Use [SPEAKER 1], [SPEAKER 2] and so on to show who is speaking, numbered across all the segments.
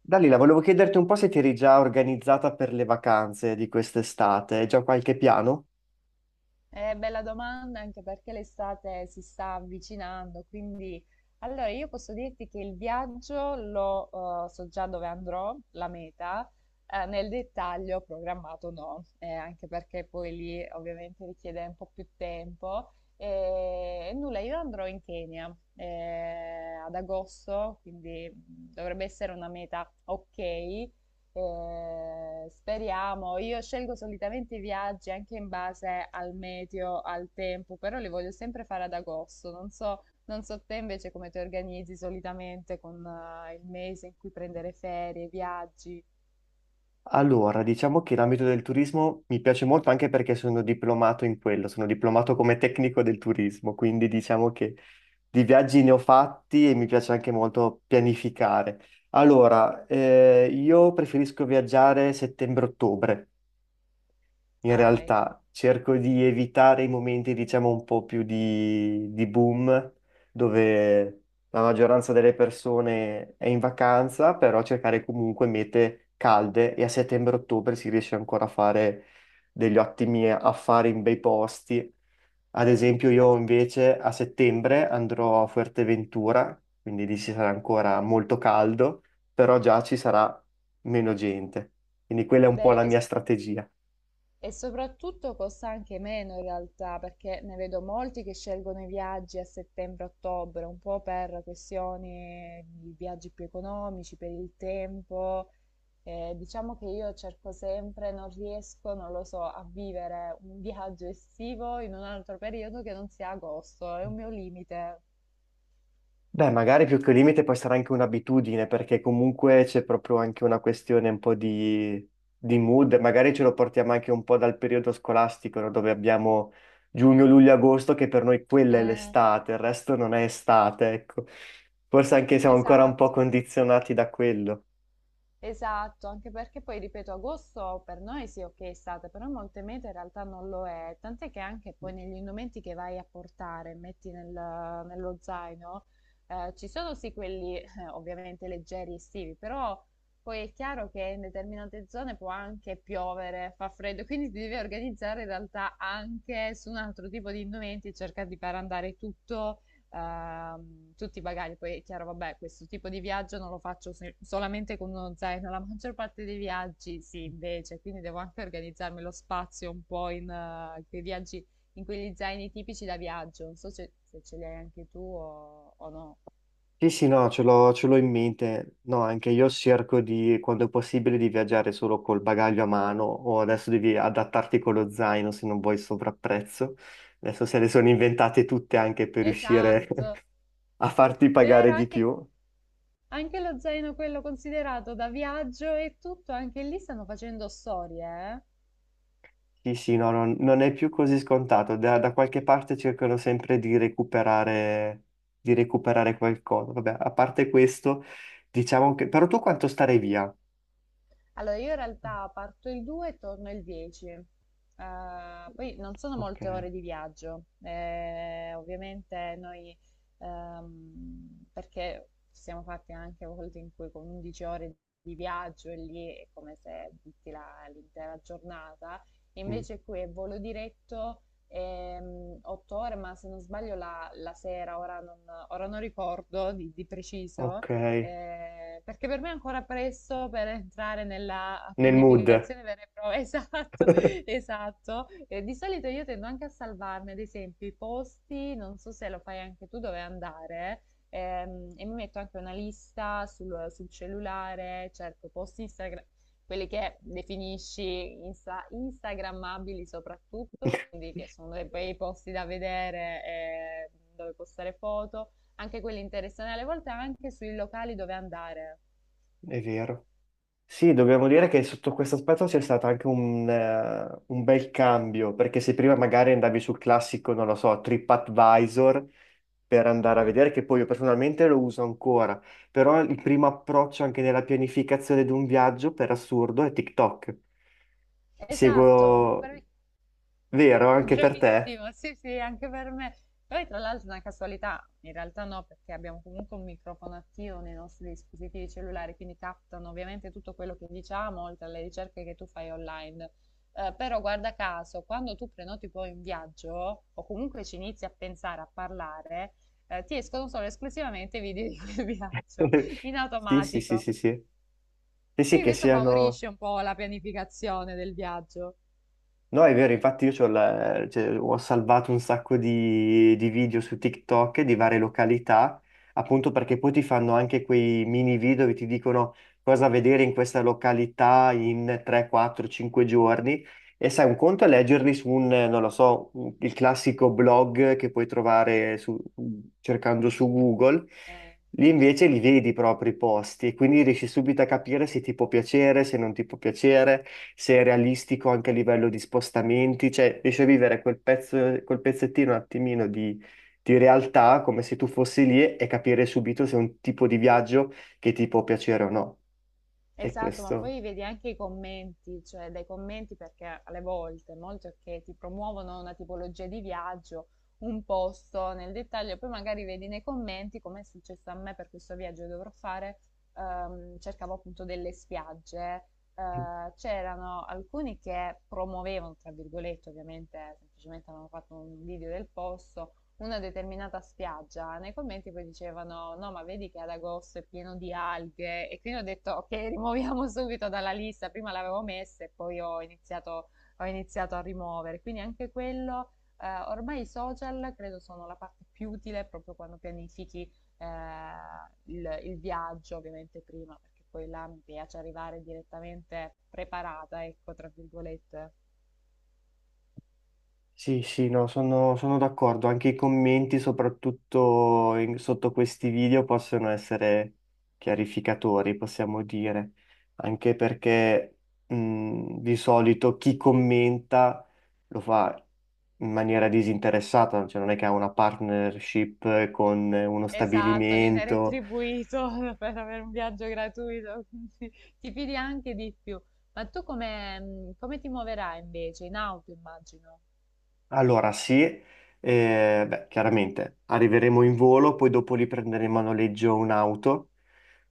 [SPEAKER 1] Dalila, volevo chiederti un po' se ti eri già organizzata per le vacanze di quest'estate, hai già qualche piano?
[SPEAKER 2] Bella domanda anche perché l'estate si sta avvicinando, quindi allora io posso dirti che il viaggio lo so già dove andrò, la meta, nel dettaglio programmato no, anche perché poi lì ovviamente richiede un po' più tempo. E nulla, io andrò in Kenya ad agosto, quindi dovrebbe essere una meta ok. Speriamo, io scelgo solitamente i viaggi anche in base al meteo, al tempo, però li voglio sempre fare ad agosto. Non so, non so te invece come ti organizzi solitamente con il mese in cui prendere ferie, viaggi.
[SPEAKER 1] Allora, diciamo che l'ambito del turismo mi piace molto anche perché sono diplomato in quello, sono diplomato come tecnico del turismo, quindi diciamo che di viaggi ne ho fatti e mi piace anche molto pianificare. Allora, io preferisco viaggiare settembre-ottobre. In
[SPEAKER 2] Ah, ecco.
[SPEAKER 1] realtà cerco di evitare i momenti, diciamo, un po' più di boom, dove la maggioranza delle persone è in vacanza, però cercare comunque mete calde e a settembre-ottobre si riesce ancora a fare degli ottimi affari in bei posti. Ad esempio
[SPEAKER 2] Ma
[SPEAKER 1] io
[SPEAKER 2] sai che.
[SPEAKER 1] invece a settembre andrò a Fuerteventura, quindi lì ci sarà ancora molto caldo, però già ci sarà meno gente. Quindi quella è un po'
[SPEAKER 2] Bello,
[SPEAKER 1] la
[SPEAKER 2] e,
[SPEAKER 1] mia strategia.
[SPEAKER 2] e soprattutto costa anche meno in realtà, perché ne vedo molti che scelgono i viaggi a settembre-ottobre, un po' per questioni di viaggi più economici, per il tempo. Diciamo che io cerco sempre non riesco, non lo so, a vivere un viaggio estivo in un altro periodo che non sia agosto, è un mio limite.
[SPEAKER 1] Beh, magari più che un limite può essere anche un'abitudine, perché comunque c'è proprio anche una questione un po' di mood, magari ce lo portiamo anche un po' dal periodo scolastico, no? Dove abbiamo giugno, luglio, agosto, che per noi quella è
[SPEAKER 2] Eh,
[SPEAKER 1] l'estate, il resto non è estate, ecco. Forse anche siamo ancora un po'
[SPEAKER 2] esatto.
[SPEAKER 1] condizionati da quello.
[SPEAKER 2] Esatto, anche perché poi, ripeto, agosto per noi sì, ok, estate, però molte mete in realtà non lo è, tant'è che anche poi negli indumenti che vai a portare, metti nello zaino, ci sono sì quelli ovviamente leggeri estivi, però poi è chiaro che in determinate zone può anche piovere, fa freddo, quindi ti devi organizzare in realtà anche su un altro tipo di indumenti, cercare di far andare tutto tutti i bagagli. Poi è chiaro, vabbè, questo tipo di viaggio non lo faccio solamente con uno zaino, la maggior parte dei viaggi sì, invece, quindi devo anche organizzarmi lo spazio un po' in quei viaggi, in quegli zaini tipici da viaggio. Non so se ce li hai anche tu o no.
[SPEAKER 1] Sì, sì, no, ce l'ho in mente. No, anche io cerco di, quando è possibile, di viaggiare solo col bagaglio a mano o adesso devi adattarti con lo zaino se non vuoi sovrapprezzo. Adesso se le sono inventate tutte anche per riuscire
[SPEAKER 2] Esatto,
[SPEAKER 1] a farti
[SPEAKER 2] vero,
[SPEAKER 1] pagare di
[SPEAKER 2] anche,
[SPEAKER 1] più.
[SPEAKER 2] anche lo zaino quello considerato da viaggio e tutto, anche lì stanno facendo storie, eh?
[SPEAKER 1] Sì, sì, no, non è più così scontato. Da qualche parte cercano sempre di recuperare qualcosa. Vabbè, a parte questo, diciamo che... Però tu quanto starei via?
[SPEAKER 2] Allora, io in realtà parto il 2 e torno il 10. Poi non sono
[SPEAKER 1] Ok,
[SPEAKER 2] molte ore di viaggio. Ovviamente noi, perché ci siamo fatti anche volte in cui con 11 ore di viaggio e lì è come se butti l'intera giornata.
[SPEAKER 1] mm,
[SPEAKER 2] Invece qui è volo diretto, 8 ore, ma se non sbaglio la sera, ora non ricordo di preciso
[SPEAKER 1] ok,
[SPEAKER 2] perché per me è ancora presto per entrare nella
[SPEAKER 1] nel mood.
[SPEAKER 2] pianificazione vera e propria. Esatto, esatto. Di solito io tendo anche a salvarmi, ad esempio, i posti, non so se lo fai anche tu, dove andare. E mi metto anche una lista sul cellulare, cerco post Instagram, quelli che definisci instagrammabili soprattutto, quindi che sono dei bei posti da vedere, dove postare foto anche quelli interessanti, alle volte anche sui locali dove andare.
[SPEAKER 1] È vero. Sì, dobbiamo dire che sotto questo aspetto c'è stato anche un bel cambio, perché se prima magari andavi sul classico, non lo so, TripAdvisor per andare a
[SPEAKER 2] Eh,
[SPEAKER 1] vedere, che poi io personalmente lo uso ancora, però il primo approccio anche nella pianificazione di un viaggio, per assurdo, è TikTok.
[SPEAKER 2] Esatto, no,
[SPEAKER 1] Seguo, vero, anche per te.
[SPEAKER 2] bravissimo, sì, sì, anche per me. Poi tra l'altro è una casualità, in realtà no, perché abbiamo comunque un microfono attivo nei nostri dispositivi cellulari, quindi captano ovviamente tutto quello che diciamo, oltre alle ricerche che tu fai online. Però guarda caso, quando tu prenoti poi un viaggio, o comunque ci inizi a pensare, a parlare, ti escono solo esclusivamente i video di quel viaggio, in
[SPEAKER 1] Sì, sì, sì,
[SPEAKER 2] automatico.
[SPEAKER 1] sì, sì. Sì, sì,
[SPEAKER 2] Quindi
[SPEAKER 1] che
[SPEAKER 2] questo
[SPEAKER 1] siano...
[SPEAKER 2] favorisce un po' la pianificazione del viaggio.
[SPEAKER 1] No, è vero, infatti io c'ho la- cioè, ho salvato un sacco di video su TikTok di varie località, appunto perché poi ti fanno anche quei mini video che ti dicono cosa vedere in questa località in 3, 4, 5 giorni. E sai, un conto è leggerli su un, non lo so, un- il classico blog che puoi trovare su- cercando su Google.
[SPEAKER 2] Eh,
[SPEAKER 1] Lì invece li vedi proprio i posti e quindi riesci subito a capire se ti può piacere, se non ti può piacere, se è realistico anche a livello di spostamenti, cioè riesci a vivere quel pezzo, quel pezzettino un attimino di realtà come se tu fossi lì e capire subito se è un tipo di viaggio che ti può piacere o no. E
[SPEAKER 2] esatto, ma
[SPEAKER 1] questo.
[SPEAKER 2] poi vedi anche i commenti, cioè dai commenti perché alle volte molti ok ti promuovono una tipologia di viaggio, un posto nel dettaglio, e poi magari vedi nei commenti come è successo a me per questo viaggio che dovrò fare, cercavo appunto delle spiagge, c'erano alcuni che promuovevano, tra virgolette, ovviamente semplicemente avevano fatto un video del posto, una determinata spiaggia, nei commenti poi dicevano no, ma vedi che ad agosto è pieno di alghe e quindi ho detto ok, rimuoviamo subito dalla lista, prima l'avevo messa e poi ho iniziato, a rimuovere, quindi anche quello, ormai i social credo sono la parte più utile proprio quando pianifichi eh, il viaggio, ovviamente prima, perché poi là mi piace arrivare direttamente preparata, ecco, tra virgolette.
[SPEAKER 1] Sì, sì, no, sono d'accordo. Anche i commenti, soprattutto in- sotto questi video, possono essere chiarificatori, possiamo dire. Anche perché di solito chi commenta lo fa in maniera disinteressata, cioè non è che ha una partnership con uno
[SPEAKER 2] Esatto, viene
[SPEAKER 1] stabilimento.
[SPEAKER 2] retribuito per avere un viaggio gratuito, quindi ti fidi anche di più. Ma tu come, come ti muoverai invece? In auto, immagino.
[SPEAKER 1] Allora, sì, beh, chiaramente arriveremo in volo, poi dopo lì prenderemo a noleggio un'auto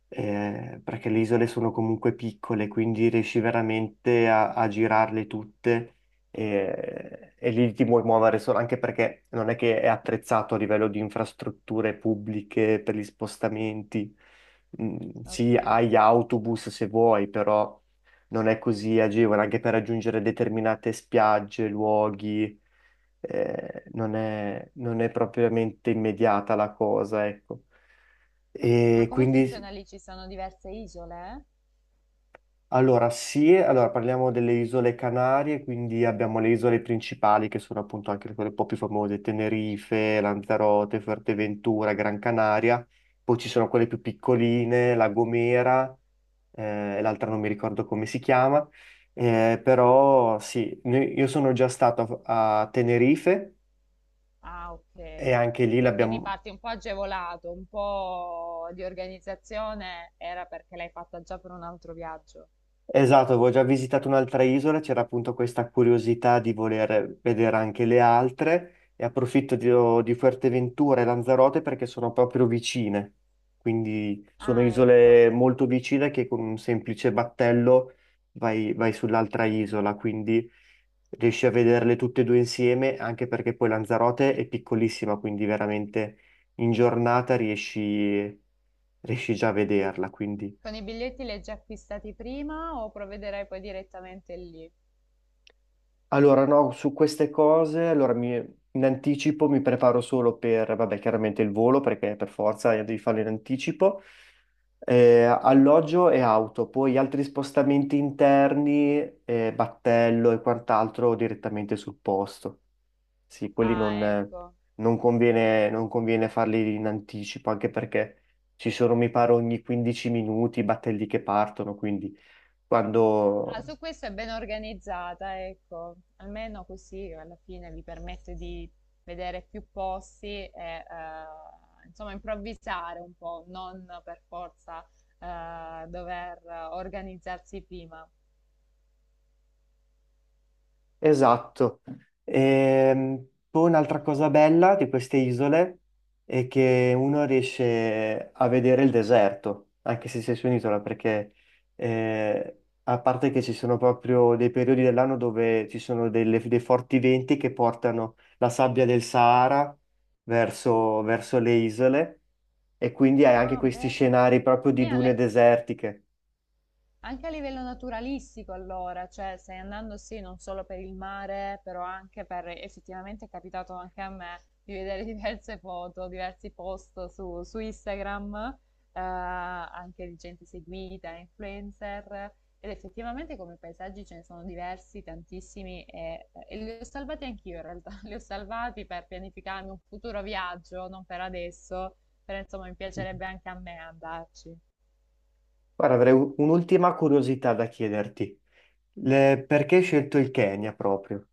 [SPEAKER 1] perché le isole sono comunque piccole, quindi riesci veramente a, a girarle tutte lì ti puoi muovere solo, anche perché non è che è attrezzato a livello di infrastrutture pubbliche per gli spostamenti. Mm,
[SPEAKER 2] Ok.
[SPEAKER 1] sì, hai autobus se vuoi, però non è così agevole, anche per raggiungere determinate spiagge, luoghi, non è, non è propriamente immediata la cosa, ecco.
[SPEAKER 2] Ma
[SPEAKER 1] E
[SPEAKER 2] come
[SPEAKER 1] quindi
[SPEAKER 2] funziona lì? Ci sono diverse isole, eh?
[SPEAKER 1] allora, sì, allora parliamo delle isole Canarie, quindi abbiamo le isole principali che sono appunto anche quelle un po' più famose, Tenerife, Lanzarote, Fuerteventura, Gran Canaria, poi ci sono quelle più piccoline, La Gomera, e l'altra non mi ricordo come si chiama, però sì, noi- io sono già stato a, a Tenerife
[SPEAKER 2] Ah,
[SPEAKER 1] e
[SPEAKER 2] ok.
[SPEAKER 1] anche lì
[SPEAKER 2] Ok, quindi
[SPEAKER 1] l'abbiamo.
[SPEAKER 2] parti un po' agevolato, un po' di organizzazione era perché l'hai fatta già per un altro viaggio.
[SPEAKER 1] Esatto, avevo già visitato un'altra isola, c'era appunto questa curiosità di voler vedere anche le altre e approfitto di Fuerteventura e Lanzarote perché sono proprio vicine, quindi sono
[SPEAKER 2] Ah, ecco.
[SPEAKER 1] isole molto vicine che con un semplice battello vai sull'altra isola, quindi riesci a vederle tutte e due insieme, anche perché poi Lanzarote è piccolissima, quindi veramente in giornata riesci già a vederla, quindi...
[SPEAKER 2] Con i biglietti li hai già acquistati prima o provvederai poi direttamente lì?
[SPEAKER 1] Allora, no, su queste cose, allora mi- in anticipo mi preparo solo per, vabbè, chiaramente il volo, perché per forza devi farlo in anticipo, alloggio e auto, poi altri spostamenti interni, battello e quant'altro direttamente sul posto. Sì, quelli non,
[SPEAKER 2] Ah, ecco.
[SPEAKER 1] non conviene, non conviene farli in anticipo, anche perché ci sono, mi pare, ogni 15 minuti i battelli che partono, quindi
[SPEAKER 2] Ah,
[SPEAKER 1] quando
[SPEAKER 2] su questo è ben organizzata, ecco, almeno così alla fine vi permette di vedere più posti e insomma improvvisare un po', non per forza dover organizzarsi prima.
[SPEAKER 1] Esatto. Poi un'altra cosa bella di queste isole è che uno riesce a vedere il deserto, anche se sei su un'isola, perché a parte che ci sono proprio dei periodi dell'anno dove ci sono delle- dei forti venti che portano la sabbia del Sahara verso le isole e quindi hai anche
[SPEAKER 2] Ah,
[SPEAKER 1] questi
[SPEAKER 2] bello.
[SPEAKER 1] scenari proprio
[SPEAKER 2] Qui
[SPEAKER 1] di dune
[SPEAKER 2] alle
[SPEAKER 1] desertiche.
[SPEAKER 2] Anche a livello naturalistico, allora, cioè stai andando sì, non solo per il mare, però anche per, effettivamente è capitato anche a me di vedere diverse foto, diversi post su Instagram, anche di gente seguita, influencer, ed effettivamente come paesaggi ce ne sono diversi, tantissimi, e li ho salvati anch'io in realtà, li ho salvati per pianificarmi un futuro viaggio, non per adesso, però insomma mi
[SPEAKER 1] Mhm.
[SPEAKER 2] piacerebbe anche a me andarci.
[SPEAKER 1] Guarda, avrei u- un'ultima curiosità da chiederti. Le- perché hai scelto il Kenya proprio?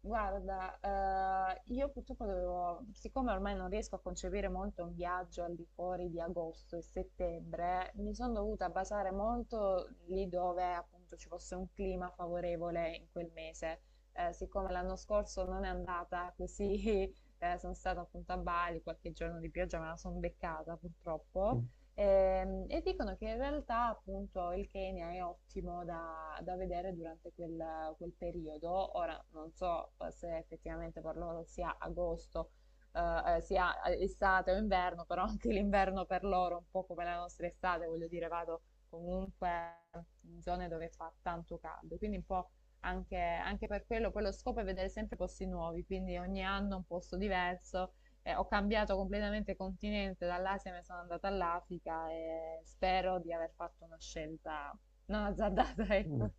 [SPEAKER 2] Guarda, io purtroppo dovevo, siccome ormai non riesco a concepire molto un viaggio al di fuori di agosto e settembre, mi sono dovuta basare molto lì dove appunto ci fosse un clima favorevole in quel mese. Siccome l'anno scorso non è andata così, sono stata appunto a Bali, qualche giorno di pioggia me la sono beccata purtroppo. E dicono che in realtà appunto il Kenya è ottimo da vedere durante quel periodo. Ora non so se effettivamente per loro sia agosto, sia estate o inverno, però anche l'inverno per loro è un po' come la nostra estate, voglio dire, vado comunque in zone dove fa tanto caldo, quindi un po' anche per quello, poi lo scopo è vedere sempre posti nuovi, quindi ogni anno un posto diverso ho cambiato completamente continente, dall'Asia mi sono andata all'Africa e spero di aver fatto una scelta non azzardata,
[SPEAKER 1] Mm.
[SPEAKER 2] ecco.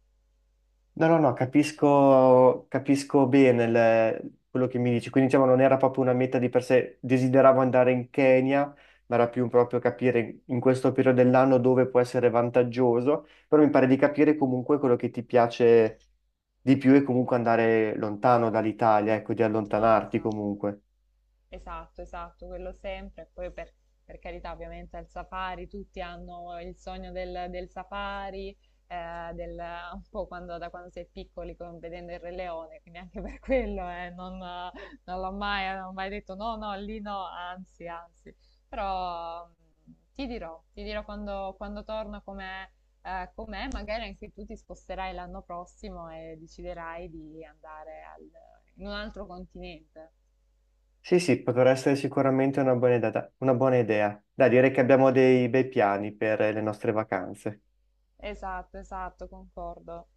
[SPEAKER 1] No, no, no, capisco, capisco bene il- quello che mi dici. Quindi, diciamo, non era proprio una meta di per sé. Desideravo andare in Kenya, ma era più un proprio capire in questo periodo dell'anno dove può essere vantaggioso. Però mi pare di capire comunque quello che ti piace di più e comunque andare lontano dall'Italia, ecco, di
[SPEAKER 2] No,
[SPEAKER 1] allontanarti
[SPEAKER 2] esatto.
[SPEAKER 1] comunque.
[SPEAKER 2] Esatto, esatto, quello sempre. E poi per carità, ovviamente al safari tutti hanno il sogno del safari, un po' da quando sei piccoli, vedendo il Re Leone, quindi anche per quello non ho mai detto no, no, lì no, anzi, anzi. Però ti dirò quando torno com'è, magari anche tu ti sposterai l'anno prossimo e deciderai di andare in un altro continente.
[SPEAKER 1] Sì, sì, potrà essere sicuramente una buona idea. Una buona idea. Da dire che abbiamo dei bei piani per le nostre vacanze.
[SPEAKER 2] Esatto, esatto, concordo.